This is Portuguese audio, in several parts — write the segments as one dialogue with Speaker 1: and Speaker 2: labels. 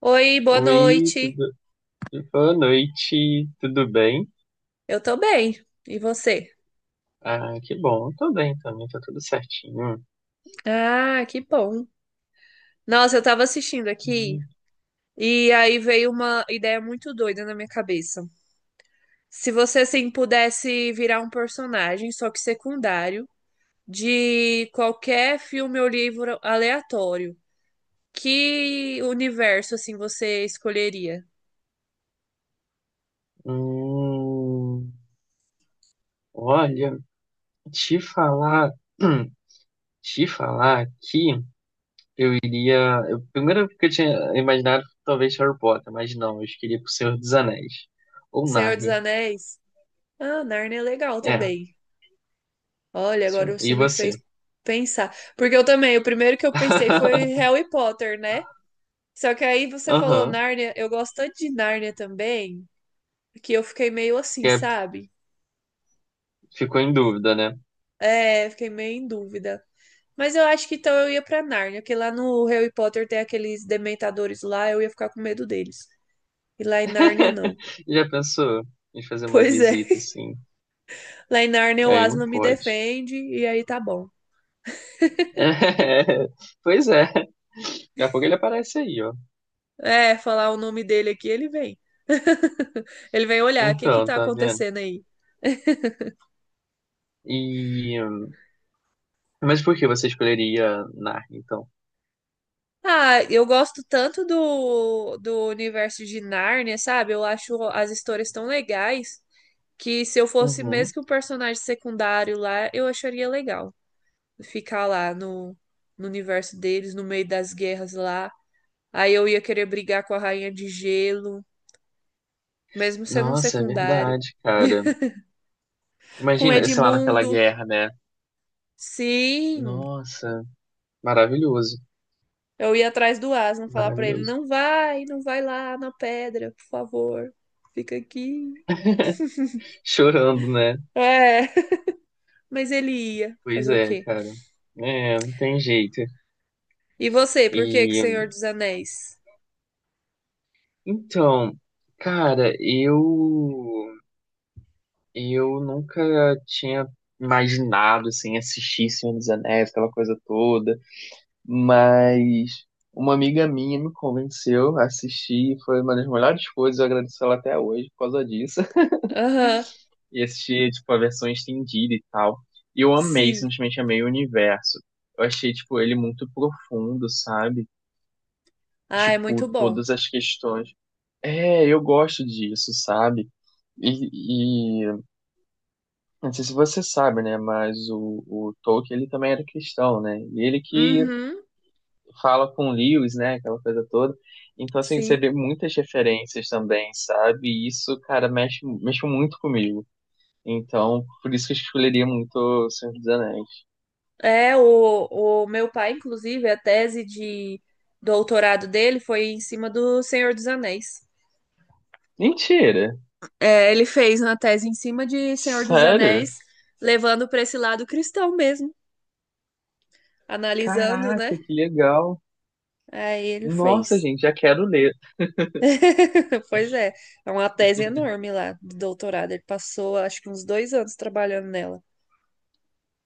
Speaker 1: Oi, boa
Speaker 2: Oi,
Speaker 1: noite.
Speaker 2: tudo... boa noite, tudo bem?
Speaker 1: Eu tô bem. E você?
Speaker 2: Ah, que bom, eu tô bem também, tá tudo certinho.
Speaker 1: Ah, que bom. Nossa, eu tava assistindo aqui e aí veio uma ideia muito doida na minha cabeça. Se você assim pudesse virar um personagem, só que secundário, de qualquer filme ou livro aleatório, que universo assim você escolheria?
Speaker 2: Hum, olha, te falar, te falar que eu iria. Eu, primeiro que eu tinha imaginado talvez Harry Potter, mas não, eu escolhi pro Senhor dos Anéis. Ou
Speaker 1: Senhor dos
Speaker 2: Narnia.
Speaker 1: Anéis? Ah, Narnia é legal
Speaker 2: É,
Speaker 1: também. Olha,
Speaker 2: sim,
Speaker 1: agora você
Speaker 2: e
Speaker 1: me
Speaker 2: você?
Speaker 1: fez pensar. Porque eu também, o primeiro que eu pensei foi Harry Potter, né? Só que aí você falou
Speaker 2: Aham,
Speaker 1: Nárnia, eu gosto tanto de Nárnia também, que eu fiquei meio assim,
Speaker 2: que é,
Speaker 1: sabe?
Speaker 2: ficou em dúvida, né?
Speaker 1: É, fiquei meio em dúvida. Mas eu acho que então eu ia pra Nárnia, porque lá no Harry Potter tem aqueles dementadores lá, eu ia ficar com medo deles. E lá em Nárnia não.
Speaker 2: Já pensou em fazer uma
Speaker 1: Pois é,
Speaker 2: visita assim?
Speaker 1: lá em Nárnia o
Speaker 2: Aí não
Speaker 1: Aslan me
Speaker 2: pode.
Speaker 1: defende e aí tá bom.
Speaker 2: É, pois é. Daqui a pouco ele aparece aí, ó.
Speaker 1: É, falar o nome dele aqui, ele vem. Ele vem olhar, o que que
Speaker 2: Então,
Speaker 1: tá
Speaker 2: tá vendo?
Speaker 1: acontecendo aí?
Speaker 2: E. hum, Mas por que você escolheria Narnia, então?
Speaker 1: Ah, eu gosto tanto do universo de Nárnia, sabe? Eu acho as histórias tão legais que se eu fosse mesmo
Speaker 2: Uhum.
Speaker 1: que um personagem secundário lá, eu acharia legal ficar lá no universo deles, no meio das guerras lá. Aí eu ia querer brigar com a Rainha de Gelo, mesmo sendo um
Speaker 2: Nossa, é
Speaker 1: secundário.
Speaker 2: verdade, cara.
Speaker 1: Com
Speaker 2: Imagina, sei lá, naquela
Speaker 1: Edmundo.
Speaker 2: guerra, né?
Speaker 1: Sim,
Speaker 2: Nossa, maravilhoso.
Speaker 1: eu ia atrás do Aslan falar pra ele:
Speaker 2: Maravilhoso.
Speaker 1: não vai, não vai lá na pedra, por favor, fica aqui.
Speaker 2: Chorando, né?
Speaker 1: É. Mas ele ia
Speaker 2: Pois
Speaker 1: fazer o
Speaker 2: é,
Speaker 1: quê?
Speaker 2: cara. É, não tem jeito.
Speaker 1: E você, por que que
Speaker 2: E.
Speaker 1: Senhor
Speaker 2: hum,
Speaker 1: dos Anéis?
Speaker 2: Então, cara, Eu nunca tinha imaginado assim assistir Senhor dos Anéis, aquela coisa toda, mas uma amiga minha me convenceu a assistir, e foi uma das melhores coisas, eu agradeço ela até hoje por causa disso.
Speaker 1: Aham,
Speaker 2: E assisti tipo a versão estendida e tal. E eu amei,
Speaker 1: sim.
Speaker 2: simplesmente amei o universo. Eu achei tipo ele muito profundo, sabe?
Speaker 1: Ah, é muito
Speaker 2: Tipo,
Speaker 1: bom.
Speaker 2: todas as questões. É, eu gosto disso, sabe? e Não sei se você sabe, né? Mas o Tolkien, ele também era cristão, né? E ele que
Speaker 1: Uhum,
Speaker 2: fala com Lewis, né? Aquela coisa toda. Então, assim, você
Speaker 1: sim.
Speaker 2: vê muitas referências também, sabe? E isso, cara, mexe muito comigo. Então, por isso que eu escolheria muito O Senhor dos Anéis.
Speaker 1: É, o meu pai, inclusive, a tese de doutorado dele foi em cima do Senhor dos Anéis.
Speaker 2: Mentira!
Speaker 1: É, ele fez uma tese em cima de Senhor dos
Speaker 2: Sério?
Speaker 1: Anéis, levando para esse lado cristão mesmo, analisando,
Speaker 2: Caraca,
Speaker 1: né?
Speaker 2: que legal!
Speaker 1: Aí ele
Speaker 2: Nossa,
Speaker 1: fez.
Speaker 2: gente, já quero ler.
Speaker 1: Pois é, é uma tese enorme lá de doutorado. Ele passou, acho que uns dois anos trabalhando nela.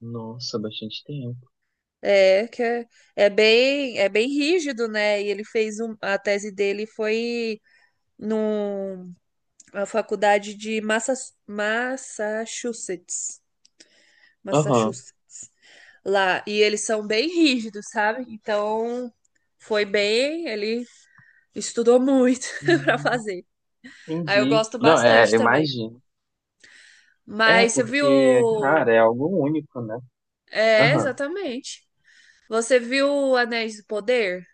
Speaker 2: Nossa, bastante tempo.
Speaker 1: É, que é, é bem rígido, né? E ele fez um, a tese dele foi numa faculdade de Massa, Massachusetts,
Speaker 2: Aham.
Speaker 1: Massachusetts, lá. E eles são bem rígidos, sabe? Então foi bem, ele estudou muito para
Speaker 2: Hum,
Speaker 1: fazer. Aí eu
Speaker 2: entendi.
Speaker 1: gosto
Speaker 2: Não, é,
Speaker 1: bastante também.
Speaker 2: imagino. É,
Speaker 1: Mas você
Speaker 2: porque,
Speaker 1: viu
Speaker 2: cara, é algo único, né?
Speaker 1: É,
Speaker 2: Aham.
Speaker 1: exatamente. Você viu Anéis do Poder?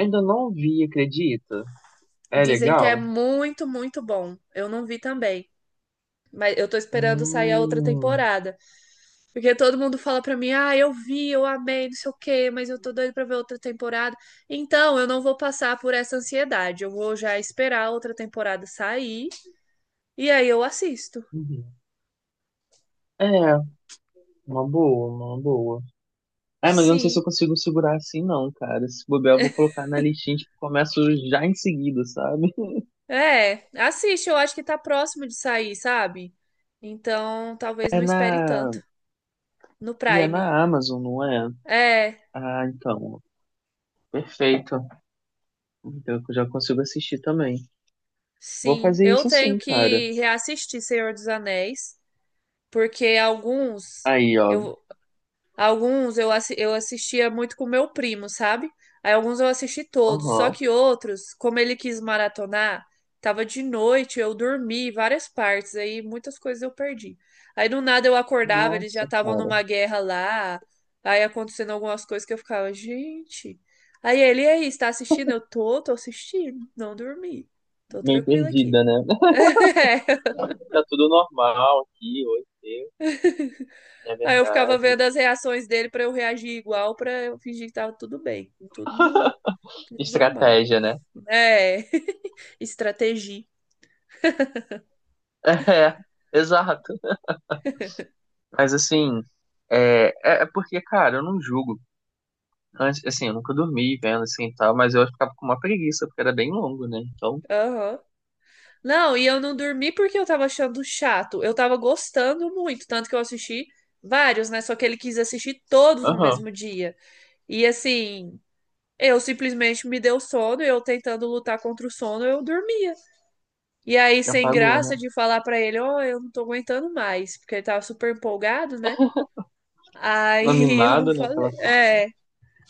Speaker 2: Ainda não vi, acredita? É
Speaker 1: Dizem que é
Speaker 2: legal?
Speaker 1: muito, muito bom. Eu não vi também. Mas eu tô esperando sair a outra
Speaker 2: Hum,
Speaker 1: temporada. Porque todo mundo fala pra mim, ah, eu vi, eu amei, não sei o quê, mas eu tô doido pra ver outra temporada. Então, eu não vou passar por essa ansiedade. Eu vou já esperar a outra temporada sair e aí eu assisto.
Speaker 2: uhum. É, uma boa, uma boa. É, mas eu não sei se eu
Speaker 1: Sim.
Speaker 2: consigo segurar assim, não, cara. Se bobear, eu vou colocar na listinha, tipo, começo já em seguida, sabe?
Speaker 1: É, assiste, eu acho que tá próximo de sair, sabe? Então, talvez
Speaker 2: É
Speaker 1: não
Speaker 2: na.
Speaker 1: espere tanto no
Speaker 2: E é
Speaker 1: Prime.
Speaker 2: na Amazon, não é?
Speaker 1: É.
Speaker 2: Ah, então. Perfeito. Então eu já consigo assistir também. Vou
Speaker 1: Sim,
Speaker 2: fazer
Speaker 1: eu
Speaker 2: isso
Speaker 1: tenho
Speaker 2: sim, cara.
Speaker 1: que reassistir Senhor dos Anéis, porque
Speaker 2: Aí, ó.
Speaker 1: eu alguns eu assistia muito com meu primo, sabe? Aí alguns eu assisti todos, só
Speaker 2: Aham.
Speaker 1: que outros, como ele quis maratonar, tava de noite, eu dormi várias partes, aí muitas coisas eu perdi. Aí do nada eu acordava, eles já
Speaker 2: Nossa,
Speaker 1: estavam
Speaker 2: cara.
Speaker 1: numa guerra lá, aí acontecendo algumas coisas que eu ficava, gente. Aí ele, e aí, está assistindo? Eu tô, tô assistindo, não dormi. Tô
Speaker 2: Meio
Speaker 1: tranquila aqui.
Speaker 2: perdida, né?
Speaker 1: É.
Speaker 2: Tá tudo normal aqui, oi, eu, é
Speaker 1: Aí eu ficava
Speaker 2: verdade.
Speaker 1: vendo as reações dele pra eu reagir igual, pra eu fingir que tava tudo bem, tudo, tudo normal.
Speaker 2: Estratégia, né?
Speaker 1: É, estratégia.
Speaker 2: É, exato. Mas assim, é porque, cara, eu não julgo. Antes, assim, eu nunca dormi vendo assim e tal, mas eu ficava com uma preguiça, porque era bem longo, né? Então,
Speaker 1: Aham. Não, e eu não dormi porque eu tava achando chato. Eu tava gostando muito, tanto que eu assisti vários, né? Só que ele quis assistir todos no
Speaker 2: aham,
Speaker 1: mesmo dia. E assim, eu simplesmente me deu sono, eu tentando lutar contra o sono, eu dormia. E aí,
Speaker 2: me
Speaker 1: sem
Speaker 2: apagou, né?
Speaker 1: graça de falar pra ele, ó, eu não tô aguentando mais, porque ele tava super empolgado, né? Aí eu não
Speaker 2: Animado, né?
Speaker 1: falei.
Speaker 2: Aquela coisa.
Speaker 1: É.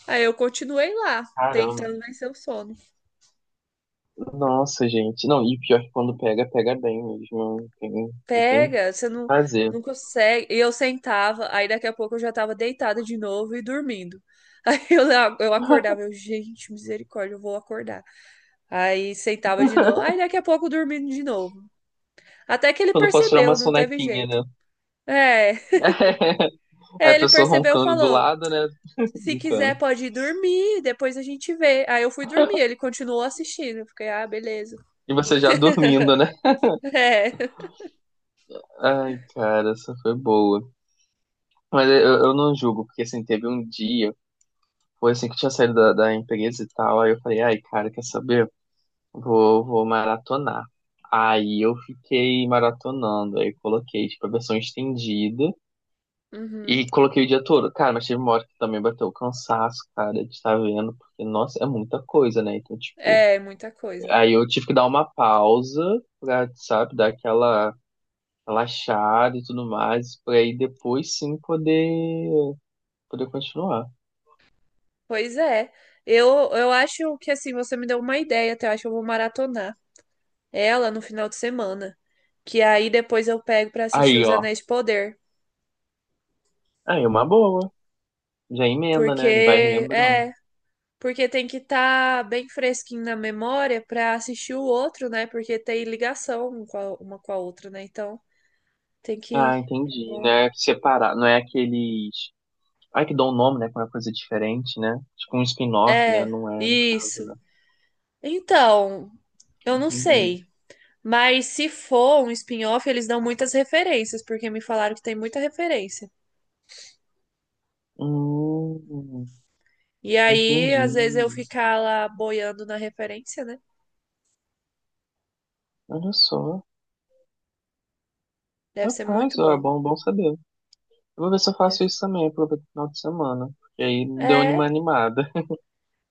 Speaker 1: Aí eu continuei lá,
Speaker 2: Caramba.
Speaker 1: tentando vencer o sono.
Speaker 2: Nossa, gente. Não, e pior é que quando pega, pega bem mesmo. Não tem o
Speaker 1: Pega, você
Speaker 2: que
Speaker 1: não,
Speaker 2: fazer.
Speaker 1: não consegue. E eu sentava, aí daqui a pouco eu já tava deitada de novo e dormindo. Aí eu acordava, eu, gente, misericórdia, eu vou acordar. Aí sentava de novo, aí daqui a pouco dormindo de novo. Até que ele
Speaker 2: Quando eu posso tirar
Speaker 1: percebeu,
Speaker 2: uma
Speaker 1: não teve
Speaker 2: sonequinha,
Speaker 1: jeito.
Speaker 2: né?
Speaker 1: É,
Speaker 2: Aí a
Speaker 1: ele
Speaker 2: pessoa
Speaker 1: percebeu,
Speaker 2: roncando do
Speaker 1: falou:
Speaker 2: lado, né?
Speaker 1: se quiser
Speaker 2: Brincando.
Speaker 1: pode ir dormir, depois a gente vê. Aí eu fui dormir, ele continuou assistindo. Eu fiquei, ah, beleza.
Speaker 2: E você já dormindo, né?
Speaker 1: É.
Speaker 2: Ai, cara, essa foi boa. Mas eu não julgo, porque assim, teve um dia, foi assim que eu tinha saído da empresa e tal, aí eu falei, ai, cara, quer saber? Vou maratonar. Aí eu fiquei maratonando, aí coloquei, tipo, a versão estendida e
Speaker 1: Uhum.
Speaker 2: coloquei o dia todo. Cara, mas teve uma hora que também bateu o cansaço, cara, de estar vendo, porque, nossa, é muita coisa, né? Então, tipo,
Speaker 1: É, muita coisa.
Speaker 2: aí eu tive que dar uma pausa pra, sabe, dar aquela relaxado e tudo mais, pra aí depois sim poder continuar.
Speaker 1: Pois é. Eu, eu acho que assim, você me deu uma ideia, até eu acho que eu vou maratonar ela no final de semana. Que aí depois eu pego pra assistir
Speaker 2: Aí,
Speaker 1: Os
Speaker 2: ó.
Speaker 1: Anéis de Poder.
Speaker 2: Aí é uma boa. Já emenda, né? Ele vai
Speaker 1: Porque,
Speaker 2: relembrando.
Speaker 1: é, porque tem que estar bem fresquinho na memória pra assistir o outro, né? Porque tem ligação um com a- uma com a outra, né? Então tem que.
Speaker 2: Ah,
Speaker 1: É
Speaker 2: entendi. Não
Speaker 1: bom.
Speaker 2: é separar, não é aqueles. Ai, que dão um nome, né? Com uma coisa diferente, né? Tipo um spin-off, né?
Speaker 1: É,
Speaker 2: Não é, no caso,
Speaker 1: isso.
Speaker 2: né?
Speaker 1: Então, eu não
Speaker 2: Entendi.
Speaker 1: sei. Mas se for um spin-off, eles dão muitas referências, porque me falaram que tem muita referência.
Speaker 2: Hum,
Speaker 1: E aí, às vezes, eu
Speaker 2: entendi.
Speaker 1: ficar lá boiando na referência, né?
Speaker 2: Olha só.
Speaker 1: Deve ser muito
Speaker 2: Rapaz, ó, é
Speaker 1: bom.
Speaker 2: bom saber. Eu vou ver se eu faço isso
Speaker 1: Deve-
Speaker 2: também, aproveito o final de semana. Porque aí deu
Speaker 1: é,
Speaker 2: uma animada.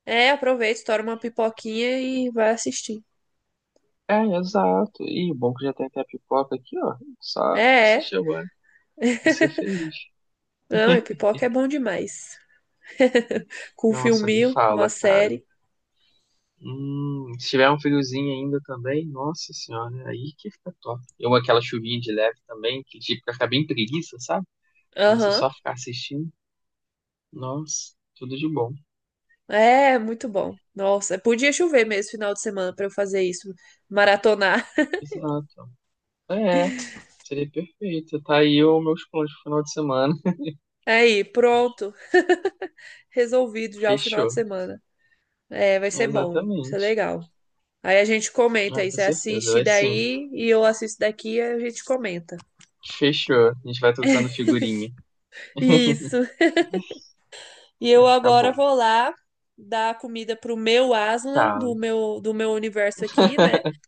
Speaker 1: é, aproveita, estoura uma pipoquinha e vai assistir.
Speaker 2: É, exato. E bom que já tem até a pipoca aqui, ó. Só
Speaker 1: É, é.
Speaker 2: assistir agora e ser feliz.
Speaker 1: Não, e pipoca é bom demais. Com um
Speaker 2: Nossa, nem
Speaker 1: filminho, uma
Speaker 2: fala, cara.
Speaker 1: série.
Speaker 2: Se tiver um friozinho ainda também, nossa senhora, aí que fica top. Eu aquela chuvinha de leve também, que tipo, ficar bem preguiça, sabe? Pra você
Speaker 1: Aham.
Speaker 2: só ficar assistindo. Nossa, tudo de bom.
Speaker 1: É, muito bom. Nossa, podia chover mesmo final de semana pra eu fazer isso, maratonar.
Speaker 2: Exato. É, seria perfeito. Tá aí os meus planos pro final de semana.
Speaker 1: Aí, pronto, resolvido já o final de
Speaker 2: Fechou.
Speaker 1: semana. É, vai ser bom, vai ser
Speaker 2: Exatamente.
Speaker 1: legal. Aí a gente comenta
Speaker 2: Ah,
Speaker 1: aí,
Speaker 2: com
Speaker 1: você
Speaker 2: certeza,
Speaker 1: assiste
Speaker 2: vai sim.
Speaker 1: daí e eu assisto daqui e a gente comenta.
Speaker 2: Fechou. A gente vai trocando figurinha.
Speaker 1: Isso. E
Speaker 2: Vai
Speaker 1: eu
Speaker 2: ficar
Speaker 1: agora
Speaker 2: bom.
Speaker 1: vou lá dar comida pro meu aslan
Speaker 2: Tá.
Speaker 1: do meu universo aqui, né?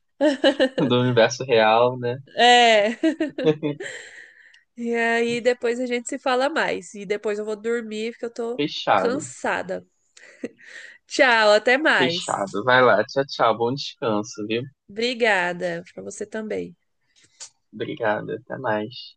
Speaker 2: Do universo real, né?
Speaker 1: É. E aí depois a gente se fala mais. E depois eu vou dormir porque eu tô
Speaker 2: Fechado.
Speaker 1: cansada. Tchau, até mais.
Speaker 2: Fechado. Vai lá. Tchau, tchau. Bom descanso, viu?
Speaker 1: Obrigada. Pra você também.
Speaker 2: Obrigada. Até mais.